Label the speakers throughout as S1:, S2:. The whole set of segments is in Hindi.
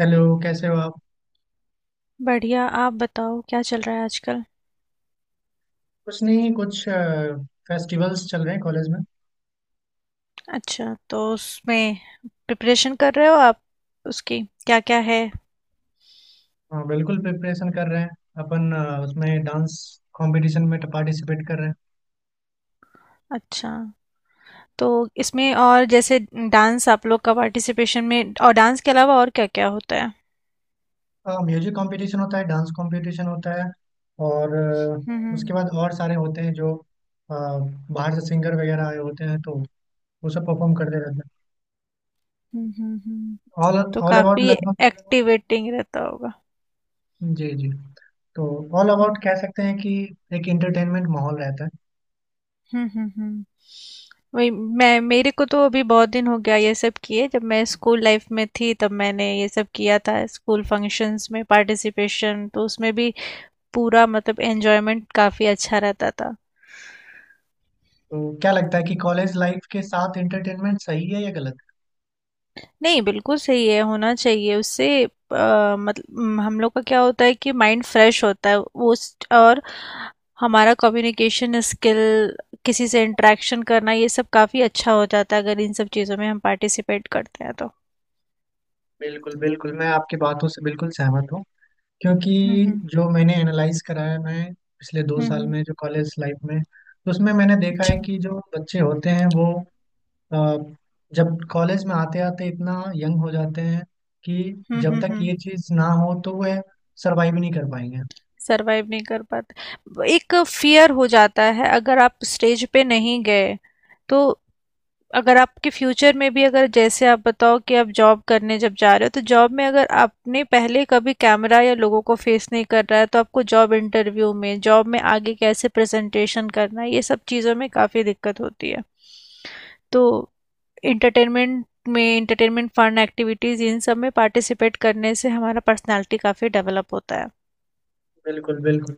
S1: हेलो। कैसे हो आप?
S2: बढ़िया आप बताओ क्या चल रहा है आजकल।
S1: कुछ नहीं। कुछ फेस्टिवल्स चल रहे हैं कॉलेज में।
S2: अच्छा तो उसमें प्रिपरेशन कर रहे हो आप उसकी क्या क्या है।
S1: हाँ बिल्कुल प्रिपरेशन कर रहे हैं। अपन उसमें डांस कंपटीशन में पार्टिसिपेट कर रहे
S2: अच्छा तो इसमें और जैसे डांस आप लोग का पार्टिसिपेशन में और डांस के अलावा और क्या क्या होता है।
S1: हैं। म्यूजिक कंपटीशन होता है, डांस कंपटीशन होता है। और उसके
S2: हम्म।
S1: बाद और सारे होते हैं जो बाहर से सिंगर वगैरह आए होते हैं, तो वो सब परफॉर्म करते रहते हैं।
S2: हम्म हम्म। हम्म,
S1: ऑल
S2: तो
S1: ऑल अबाउट
S2: काफी
S1: लगभग।
S2: एक्टिवेटिंग रहता होगा।
S1: जी जी। तो ऑल अबाउट
S2: हम्म
S1: कह सकते हैं कि एक इंटरटेनमेंट माहौल रहता है।
S2: हम्म। वही मैं मेरे को तो अभी बहुत दिन हो गया ये सब किए जब मैं स्कूल लाइफ में थी तब मैंने ये सब किया था स्कूल फंक्शंस में पार्टिसिपेशन तो उसमें भी पूरा मतलब एन्जॉयमेंट काफ़ी अच्छा रहता था।
S1: तो क्या लगता है कि कॉलेज लाइफ के साथ इंटरटेनमेंट सही है या गलत?
S2: नहीं, बिल्कुल सही है, होना चाहिए उससे मतलब हम लोग का क्या होता है कि माइंड फ्रेश होता है उस और हमारा कम्युनिकेशन स्किल, किसी से इंटरेक्शन करना ये सब काफ़ी अच्छा हो जाता है अगर इन सब चीज़ों में हम पार्टिसिपेट करते हैं तो।
S1: बिल्कुल बिल्कुल, मैं आपकी बातों से बिल्कुल सहमत हूँ। क्योंकि
S2: हुँ, हुँ।
S1: जो मैंने एनालाइज करा है, मैं पिछले दो
S2: हुँ,
S1: साल
S2: हुँ।
S1: में जो कॉलेज लाइफ में, तो उसमें मैंने देखा है
S2: अच्छा।
S1: कि जो बच्चे होते हैं वो अ, जब कॉलेज में आते आते इतना यंग हो जाते हैं कि
S2: हुँ,
S1: जब
S2: हुँ,
S1: तक ये
S2: हुँ।
S1: चीज़ ना हो तो वह सरवाइव नहीं कर पाएंगे।
S2: सर्वाइव नहीं कर पाते। एक फ़ियर हो जाता है अगर आप स्टेज पे नहीं गए, तो अगर आपके फ्यूचर में भी अगर जैसे आप बताओ कि आप जॉब करने जब जा रहे हो तो जॉब में अगर आपने पहले कभी कैमरा या लोगों को फेस नहीं कर रहा है तो आपको जॉब इंटरव्यू में जॉब में आगे कैसे प्रेजेंटेशन करना है ये सब चीज़ों में काफ़ी दिक्कत होती है तो इंटरटेनमेंट में इंटरटेनमेंट फन एक्टिविटीज़ इन सब में पार्टिसिपेट करने से हमारा पर्सनालिटी काफ़ी डेवलप होता है।
S1: बिल्कुल बिल्कुल।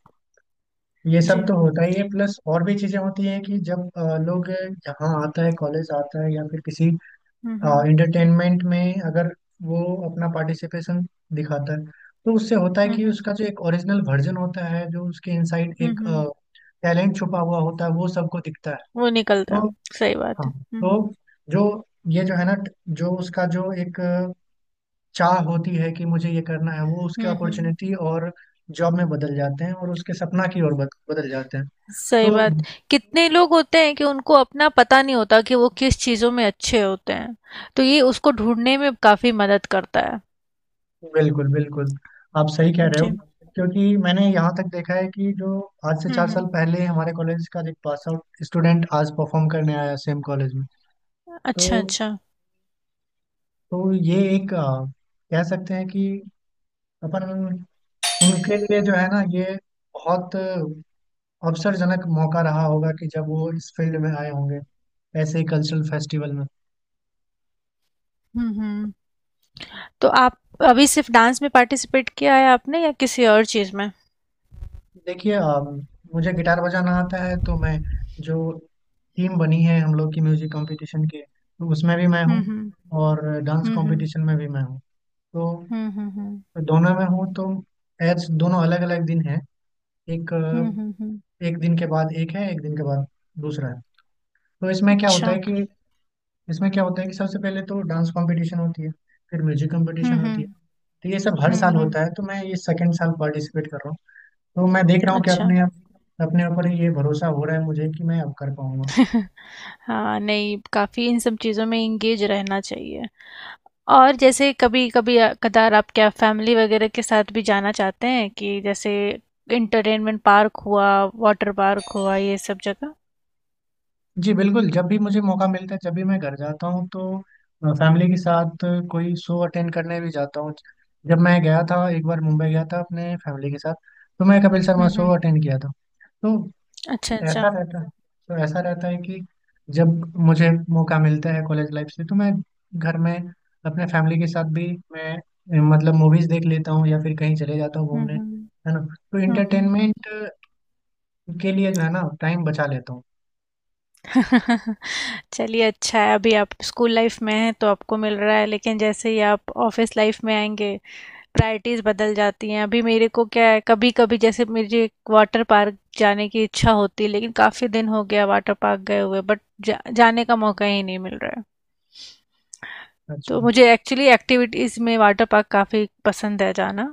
S1: ये सब
S2: जी।
S1: तो होता ही है, प्लस और भी चीज़ें होती हैं कि जब लोग यहाँ आता है कॉलेज आता है या फिर किसी।
S2: हम्म
S1: हाँ,
S2: हम्म
S1: एंटरटेनमेंट में अगर वो अपना पार्टिसिपेशन दिखाता है, तो उससे होता है कि
S2: हम्म।
S1: उसका जो एक ओरिजिनल वर्जन होता है, जो उसके इनसाइड
S2: हम्म,
S1: एक
S2: हम्म, हम्म,
S1: टैलेंट छुपा हुआ होता है वो सबको दिखता है।
S2: वो निकलता
S1: तो
S2: है। सही बात
S1: हाँ।
S2: है।
S1: तो जो, ये जो है ना, जो उसका जो एक चाह होती है कि मुझे ये करना है, वो उसके
S2: हम्म।
S1: अपॉर्चुनिटी और जॉब में बदल जाते हैं और उसके सपना की ओर बदल जाते हैं।
S2: सही
S1: तो
S2: बात। कितने लोग होते हैं कि उनको अपना पता नहीं होता कि वो किस चीज़ों में अच्छे होते हैं। तो ये उसको ढूँढने में काफ़ी मदद करता है।
S1: बिल्कुल बिल्कुल, आप सही कह रहे हो।
S2: जी।
S1: क्योंकि मैंने यहाँ तक देखा है कि जो आज से
S2: हुँ,
S1: 4 साल
S2: हुँ।
S1: पहले हमारे कॉलेज का एक पास आउट स्टूडेंट आज परफॉर्म करने आया सेम कॉलेज में। तो
S2: अच्छा, अच्छा।
S1: तो ये एक कह सकते हैं कि अपन उनके लिए जो है ना, ये बहुत अवसरजनक मौका रहा होगा कि जब वो इस फील्ड में आए होंगे ऐसे ही कल्चरल फेस्टिवल में।
S2: हुँ, हुँ। तो आप अभी सिर्फ़ डांस में पार्टिसिपेट किया है आपने या किसी और चीज़ में?
S1: देखिए मुझे गिटार बजाना आता है, तो मैं जो टीम बनी है हम लोग की म्यूजिक कंपटीशन के तो उसमें भी मैं
S2: हुँ,
S1: हूँ।
S2: हुँ।
S1: और डांस
S2: हुँ, हुँ।
S1: कंपटीशन में भी मैं हूँ, तो
S2: हुँ, हुँ, हुँ।
S1: दोनों में हूँ। तो एज दोनों अलग अलग दिन हैं। एक
S2: हुँ, हुँ, हुँ।
S1: एक दिन के बाद एक है, एक दिन के बाद दूसरा है। तो
S2: अच्छा।
S1: इसमें क्या होता है कि सबसे पहले तो डांस कंपटीशन होती है, फिर म्यूजिक कंपटीशन
S2: हुँ, हुँ।
S1: होती है। तो ये सब हर
S2: हुँ,
S1: साल
S2: हुँ।
S1: होता है, तो मैं ये सेकेंड साल पार्टिसिपेट कर रहा हूँ। तो मैं देख रहा हूँ कि
S2: अच्छा।
S1: अपने अपने ऊपर ये भरोसा हो रहा है मुझे कि मैं अब कर पाऊंगा।
S2: हाँ, नहीं काफ़ी इन सब चीज़ों में इंगेज रहना चाहिए और जैसे कभी कभी कदार आप क्या फैमिली वगैरह के साथ भी जाना चाहते हैं कि जैसे इंटरटेनमेंट पार्क हुआ वाटर पार्क हुआ ये सब जगह।
S1: जी बिल्कुल, जब भी मुझे मौका मिलता है, जब भी मैं घर जाता हूँ, तो फैमिली के साथ कोई शो अटेंड करने भी जाता हूँ। जब मैं गया था एक बार मुंबई गया था अपने फैमिली के साथ, तो मैं कपिल शर्मा शो
S2: हम्म।
S1: अटेंड किया था। तो
S2: अच्छा
S1: ऐसा
S2: अच्छा।
S1: रहता है। तो ऐसा रहता है कि जब मुझे मौका मिलता है कॉलेज लाइफ से, तो मैं घर में अपने फैमिली के साथ भी मैं मतलब मूवीज देख लेता हूँ या फिर कहीं चले जाता हूँ घूमने,
S2: हम्म।
S1: है ना। तो
S2: हम्म
S1: इंटरटेनमेंट के लिए जो है ना टाइम बचा लेता हूँ।
S2: हम्म। चलिए अच्छा है अभी आप स्कूल लाइफ में हैं तो आपको मिल रहा है लेकिन जैसे ही आप ऑफिस लाइफ में आएंगे प्रायोरिटीज़ बदल जाती हैं अभी मेरे को क्या है कभी कभी जैसे मुझे वाटर पार्क जाने की इच्छा होती है लेकिन काफ़ी दिन हो गया वाटर पार्क गए हुए बट जाने का मौका ही नहीं मिल रहा है
S1: अच्छा
S2: तो
S1: अच्छा।
S2: मुझे एक्चुअली एक्टिविटीज़ में वाटर पार्क काफ़ी पसंद है जाना,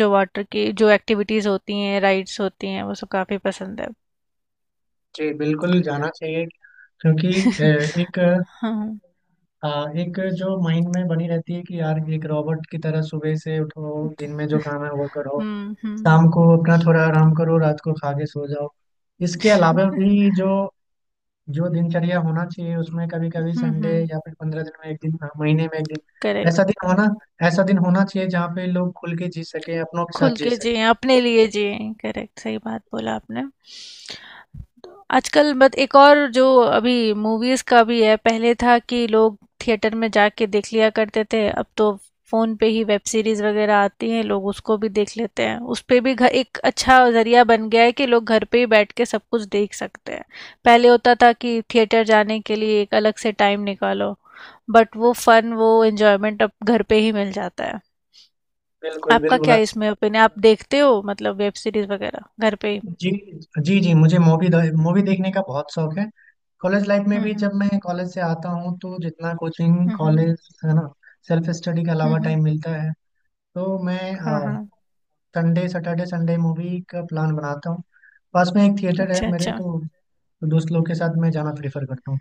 S2: जो वाटर की जो एक्टिविटीज़ होती हैं राइड्स होती हैं वो सब काफ़ी पसंद है।
S1: जी बिल्कुल जाना चाहिए। क्योंकि एक
S2: हाँ।
S1: अ, एक जो माइंड में बनी रहती है कि यार एक रॉबोट की तरह सुबह से उठो, दिन में जो काम है वो करो,
S2: हम्म।
S1: शाम को अपना थोड़ा आराम करो, रात को खा के सो जाओ। इसके अलावा भी जो जो दिनचर्या होना चाहिए, उसमें कभी कभी संडे
S2: हम्म।
S1: या फिर 15 दिन में एक दिन, हाँ, महीने में एक दिन
S2: करेक्ट।
S1: ऐसा दिन होना ऐसा दिन होना चाहिए जहाँ पे लोग खुल के जी सके, अपनों के
S2: खुल
S1: साथ जी
S2: के
S1: सके।
S2: जिए अपने लिए जिए। करेक्ट सही बात बोला आपने। आजकल बट एक और जो अभी मूवीज का भी है पहले था कि लोग थिएटर में जाके देख लिया करते थे अब तो फोन पे ही वेब सीरीज वगैरह आती हैं लोग उसको भी देख लेते हैं उस पे भी घर एक अच्छा जरिया बन गया है कि लोग घर पे ही बैठ के सब कुछ देख सकते हैं। पहले होता था कि थिएटर जाने के लिए एक अलग से टाइम निकालो बट वो फन वो एंजॉयमेंट अब घर पे ही मिल जाता है।
S1: बिल्कुल
S2: आपका
S1: बिल्कुल,
S2: क्या
S1: आप।
S2: इसमें ओपिनियन आप देखते हो मतलब वेब सीरीज वगैरह घर पे ही?
S1: जी जी। जी, मुझे मूवी मूवी देखने का बहुत शौक है। कॉलेज लाइफ में भी जब
S2: हम्म।
S1: मैं कॉलेज से आता हूँ तो जितना कोचिंग कॉलेज
S2: हम्म।
S1: है ना, सेल्फ स्टडी के अलावा
S2: हम्म।
S1: टाइम मिलता है, तो मैं
S2: हाँ हाँ।
S1: संडे, सैटरडे, संडे मूवी का प्लान बनाता हूँ। पास में एक थिएटर है
S2: अच्छा,
S1: मेरे,
S2: अच्छा।
S1: तो दोस्त लोग के साथ मैं जाना प्रेफर करता हूँ।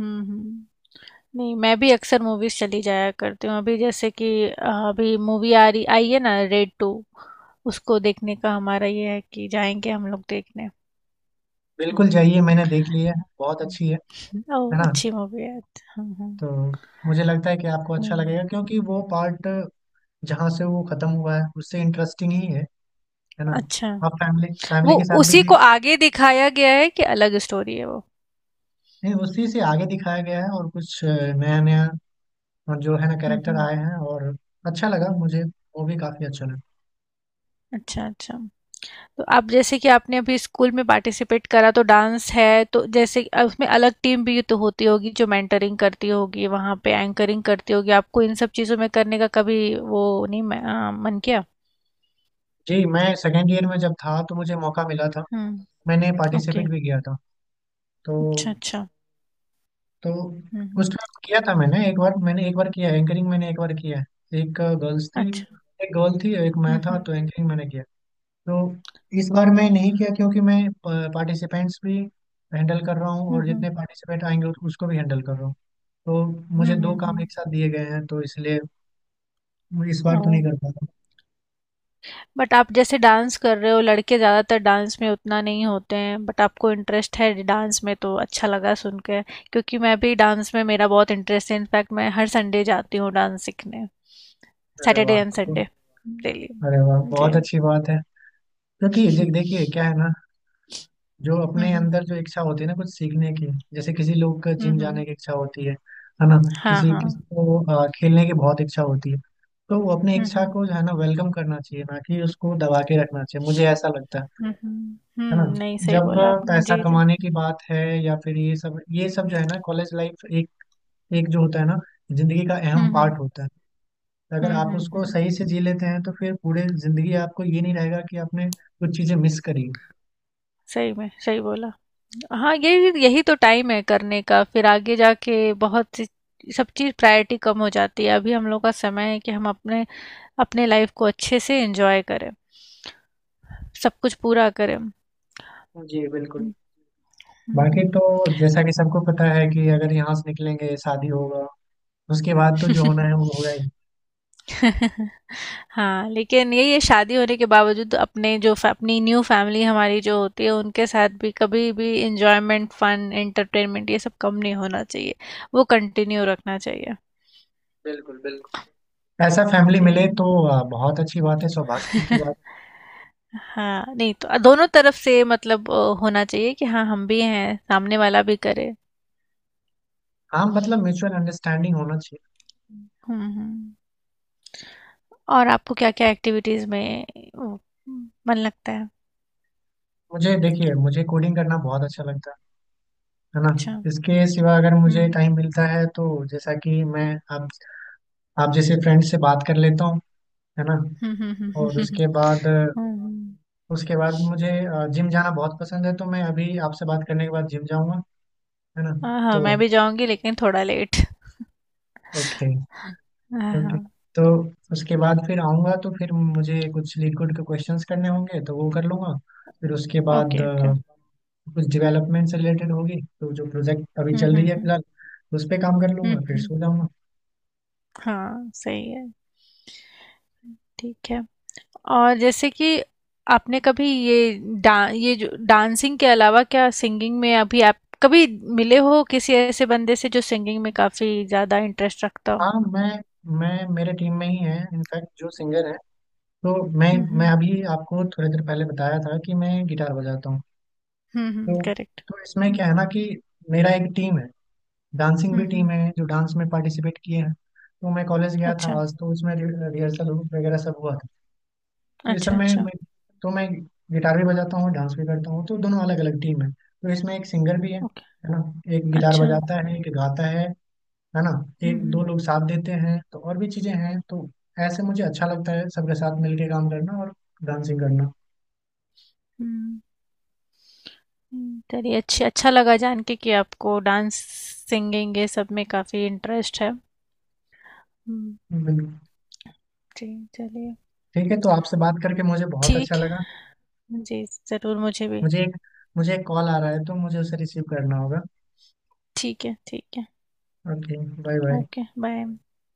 S2: हुँ, हुँ। नहीं, मैं भी अक्सर मूवीज़ चली जाया करती हूँ। अभी जैसे कि अभी मूवी आ रही आई है ना रेड 2, उसको देखने का हमारा ये है कि जाएँगे हम लोग देखने।
S1: बिल्कुल जाइए, मैंने देख लिया है, बहुत अच्छी है
S2: ओह!
S1: ना।
S2: अच्छी मूवी है। हुँ, हुँ।
S1: तो मुझे लगता है कि आपको अच्छा लगेगा,
S2: हुँ।
S1: क्योंकि वो पार्ट जहाँ से वो खत्म हुआ है उससे इंटरेस्टिंग ही है ना।
S2: अच्छा।
S1: आप फैमिली फैमिली
S2: वो
S1: के साथ भी
S2: उसी को
S1: देख।
S2: आगे दिखाया गया है कि अलग स्टोरी है वो?
S1: नहीं, उसी से आगे दिखाया गया है और कुछ नया नया और जो है ना
S2: हुँ,
S1: कैरेक्टर
S2: हुँ।
S1: आए हैं और अच्छा लगा मुझे, वो भी काफी अच्छा लगा।
S2: अच्छा, अच्छा। तो आप जैसे कि आपने अभी स्कूल में पार्टिसिपेट करा तो डांस है तो जैसे उसमें अलग टीम भी तो होती होगी जो मेंटरिंग करती होगी वहां पे एंकरिंग करती होगी आपको इन सब चीजों में करने का कभी वो नहीं मन किया।
S1: जी, मैं सेकेंड ईयर में जब था तो मुझे मौका मिला था।
S2: हम्म।
S1: मैंने
S2: ओके।
S1: पार्टिसिपेट भी किया था। तो
S2: अच्छा अच्छा।
S1: तो
S2: हम्म हम्म,
S1: उस टाइम किया था, मैंने एक बार किया है एंकरिंग। मैंने एक बार किया है, एक गर्ल्स थी,
S2: अच्छा।
S1: एक गर्ल थी, एक मैं था।
S2: हम्म।
S1: तो एंकरिंग मैंने किया। तो इस बार मैं नहीं किया, क्योंकि मैं पार्टिसिपेंट्स भी हैंडल कर रहा हूँ
S2: हम्म
S1: और
S2: हम्म
S1: जितने पार्टिसिपेंट आएंगे उसको भी हैंडल कर रहा हूँ। तो
S2: हम्म
S1: मुझे दो
S2: हम्म,
S1: काम
S2: हम्म,
S1: एक साथ दिए गए हैं, तो इसलिए मैं इस
S2: ओ।
S1: बार तो नहीं कर पाया।
S2: बट आप जैसे डांस कर रहे हो लड़के ज़्यादातर डांस में उतना नहीं होते हैं बट आपको इंटरेस्ट है डांस में तो अच्छा लगा सुन के, क्योंकि मैं भी डांस में मेरा बहुत इंटरेस्ट है इनफैक्ट मैं हर संडे जाती हूँ डांस सीखने,
S1: अरे
S2: सैटरडे
S1: वाह!
S2: And Sunday, daily.
S1: अरे वाह,
S2: जी।
S1: बहुत अच्छी बात है। क्योंकि देखिए क्या है ना, जो अपने
S2: हम्म।
S1: अंदर जो इच्छा होती है ना कुछ सीखने की, जैसे किसी लोग का जिम
S2: हम्म
S1: जाने
S2: हम्म,
S1: की इच्छा होती है ना।
S2: हाँ
S1: किसी
S2: हाँ।
S1: किसी को खेलने की बहुत इच्छा होती है। तो वो अपनी इच्छा
S2: हम्म।
S1: को जो है ना वेलकम करना चाहिए, ना कि उसको दबा के रखना चाहिए, मुझे ऐसा लगता है। है ना।
S2: नहीं सही
S1: जब
S2: बोला आपने।
S1: पैसा
S2: जी जी।
S1: कमाने की बात है या फिर ये सब
S2: हम्म।
S1: जो है ना कॉलेज लाइफ एक एक जो होता है ना जिंदगी का अहम
S2: हम्म
S1: पार्ट होता है, तो अगर आप उसको
S2: हम्म।
S1: सही से जी लेते हैं तो फिर पूरे जिंदगी आपको ये नहीं रहेगा कि आपने कुछ चीजें मिस करी हैं।
S2: सही में सही बोला। हाँ यही यही तो टाइम है करने का फिर आगे जाके बहुत सब चीज़ प्रायोरिटी कम हो जाती है अभी हम लोग का समय है कि हम अपने अपने लाइफ को अच्छे से एंजॉय करें, सब कुछ पूरा करें।
S1: जी बिल्कुल।
S2: हम्म,
S1: बाकी
S2: हम्म,
S1: तो जैसा कि सबको पता है कि अगर यहाँ से निकलेंगे शादी होगा, उसके बाद तो जो होना
S2: हम्म।
S1: है वो होगा ही।
S2: हाँ लेकिन यही है शादी होने के बावजूद अपने जो अपनी न्यू फैमिली हमारी जो होती है उनके साथ भी कभी भी एंजॉयमेंट फन एंटरटेनमेंट ये सब कम नहीं होना चाहिए, वो कंटिन्यू रखना चाहिए।
S1: बिल्कुल बिल्कुल, ऐसा फैमिली
S2: जी।
S1: मिले तो बहुत अच्छी बात है, सौभाग्य की बात।
S2: हाँ नहीं तो दोनों तरफ से मतलब होना चाहिए कि हाँ हम भी हैं सामने वाला भी करे।
S1: हाँ, मतलब म्यूचुअल अंडरस्टैंडिंग होना चाहिए।
S2: हम्म हम्म। और आपको क्या क्या एक्टिविटीज में वो, मन लगता है?
S1: मुझे देखिए, मुझे कोडिंग करना बहुत अच्छा लगता है ना।
S2: अच्छा।
S1: इसके सिवा अगर मुझे
S2: हम्म।
S1: टाइम मिलता है तो जैसा कि मैं, आप आप जैसे फ्रेंड से बात कर लेता हूँ, है ना।
S2: हम्म हम्म हम्म हम्म,
S1: और
S2: हम्म।
S1: उसके
S2: हम्म।
S1: बाद उसके बाद मुझे जिम जाना बहुत पसंद है, तो मैं अभी आपसे बात करने के बाद जिम जाऊंगा, है ना।
S2: हाँ हाँ,
S1: तो।
S2: मैं भी जाऊंगी लेकिन थोड़ा लेट।
S1: ओके
S2: हाँ
S1: ओके।
S2: हाँ।
S1: तो उसके बाद फिर आऊँगा, तो फिर मुझे कुछ लिक्विड के क्वेश्चंस करने होंगे, तो वो कर लूँगा। फिर उसके बाद
S2: ओके ओके।
S1: कुछ डेवलपमेंट से रिलेटेड होगी, तो जो प्रोजेक्ट अभी चल रही है
S2: हम्म।
S1: फिलहाल उस पर काम कर लूँगा,
S2: हम्म
S1: फिर
S2: हम्म।
S1: सो जाऊँगा।
S2: हाँ सही है। ठीक है। और जैसे कि आपने कभी ये डा ये जो डांसिंग के अलावा क्या सिंगिंग में अभी आप कभी मिले हो किसी ऐसे बंदे से जो सिंगिंग में काफ़ी ज़्यादा इंटरेस्ट रखता हो?
S1: हाँ, मैं मेरे टीम में ही है इनफैक्ट जो सिंगर है। तो मैं
S2: हुँ,
S1: मैं
S2: हुँ।
S1: अभी आपको थोड़ी देर पहले बताया था कि मैं गिटार बजाता हूँ।
S2: हुँ, हुँ,
S1: तो
S2: करेक्ट।
S1: तो इसमें
S2: हुँ,
S1: क्या है ना कि मेरा एक टीम है। डांसिंग भी
S2: हुँ,
S1: टीम
S2: हुँ।
S1: है जो डांस में पार्टिसिपेट किए हैं, तो मैं कॉलेज गया था
S2: अच्छा,
S1: आज, तो उसमें रिहर्सल वगैरह सब हुआ था। तो इस सब
S2: अच्छा,
S1: में
S2: अच्छा।
S1: मैं, तो मैं गिटार भी बजाता हूँ डांस भी करता हूँ, तो दोनों अलग अलग टीम है, तो इसमें एक सिंगर भी है
S2: ओके,
S1: है ना। एक गिटार
S2: अच्छा।
S1: बजाता है, एक गाता है ना।
S2: हुँ,
S1: एक
S2: हुँ,
S1: दो लोग साथ देते हैं, तो और भी चीजें हैं। तो ऐसे मुझे अच्छा लगता है सबके साथ मिलके काम करना और डांसिंग करना।
S2: हुँ, हुँ। चलिए अच्छी अच्छा लगा जान के कि आपको डांस, सिंगिंग ये सब में काफ़ी इंटरेस्ट है। हुँ,
S1: बिल्कुल।
S2: जी, चलिए।
S1: ठीक है, तो आपसे बात करके मुझे बहुत अच्छा
S2: ठीक
S1: लगा।
S2: है। जी, ज़रूर मुझे भी।
S1: मुझे एक मुझे एक कॉल आ रहा है, तो मुझे उसे रिसीव करना होगा।
S2: ठीक है, ठीक है।
S1: Okay, bye bye.
S2: Okay, bye.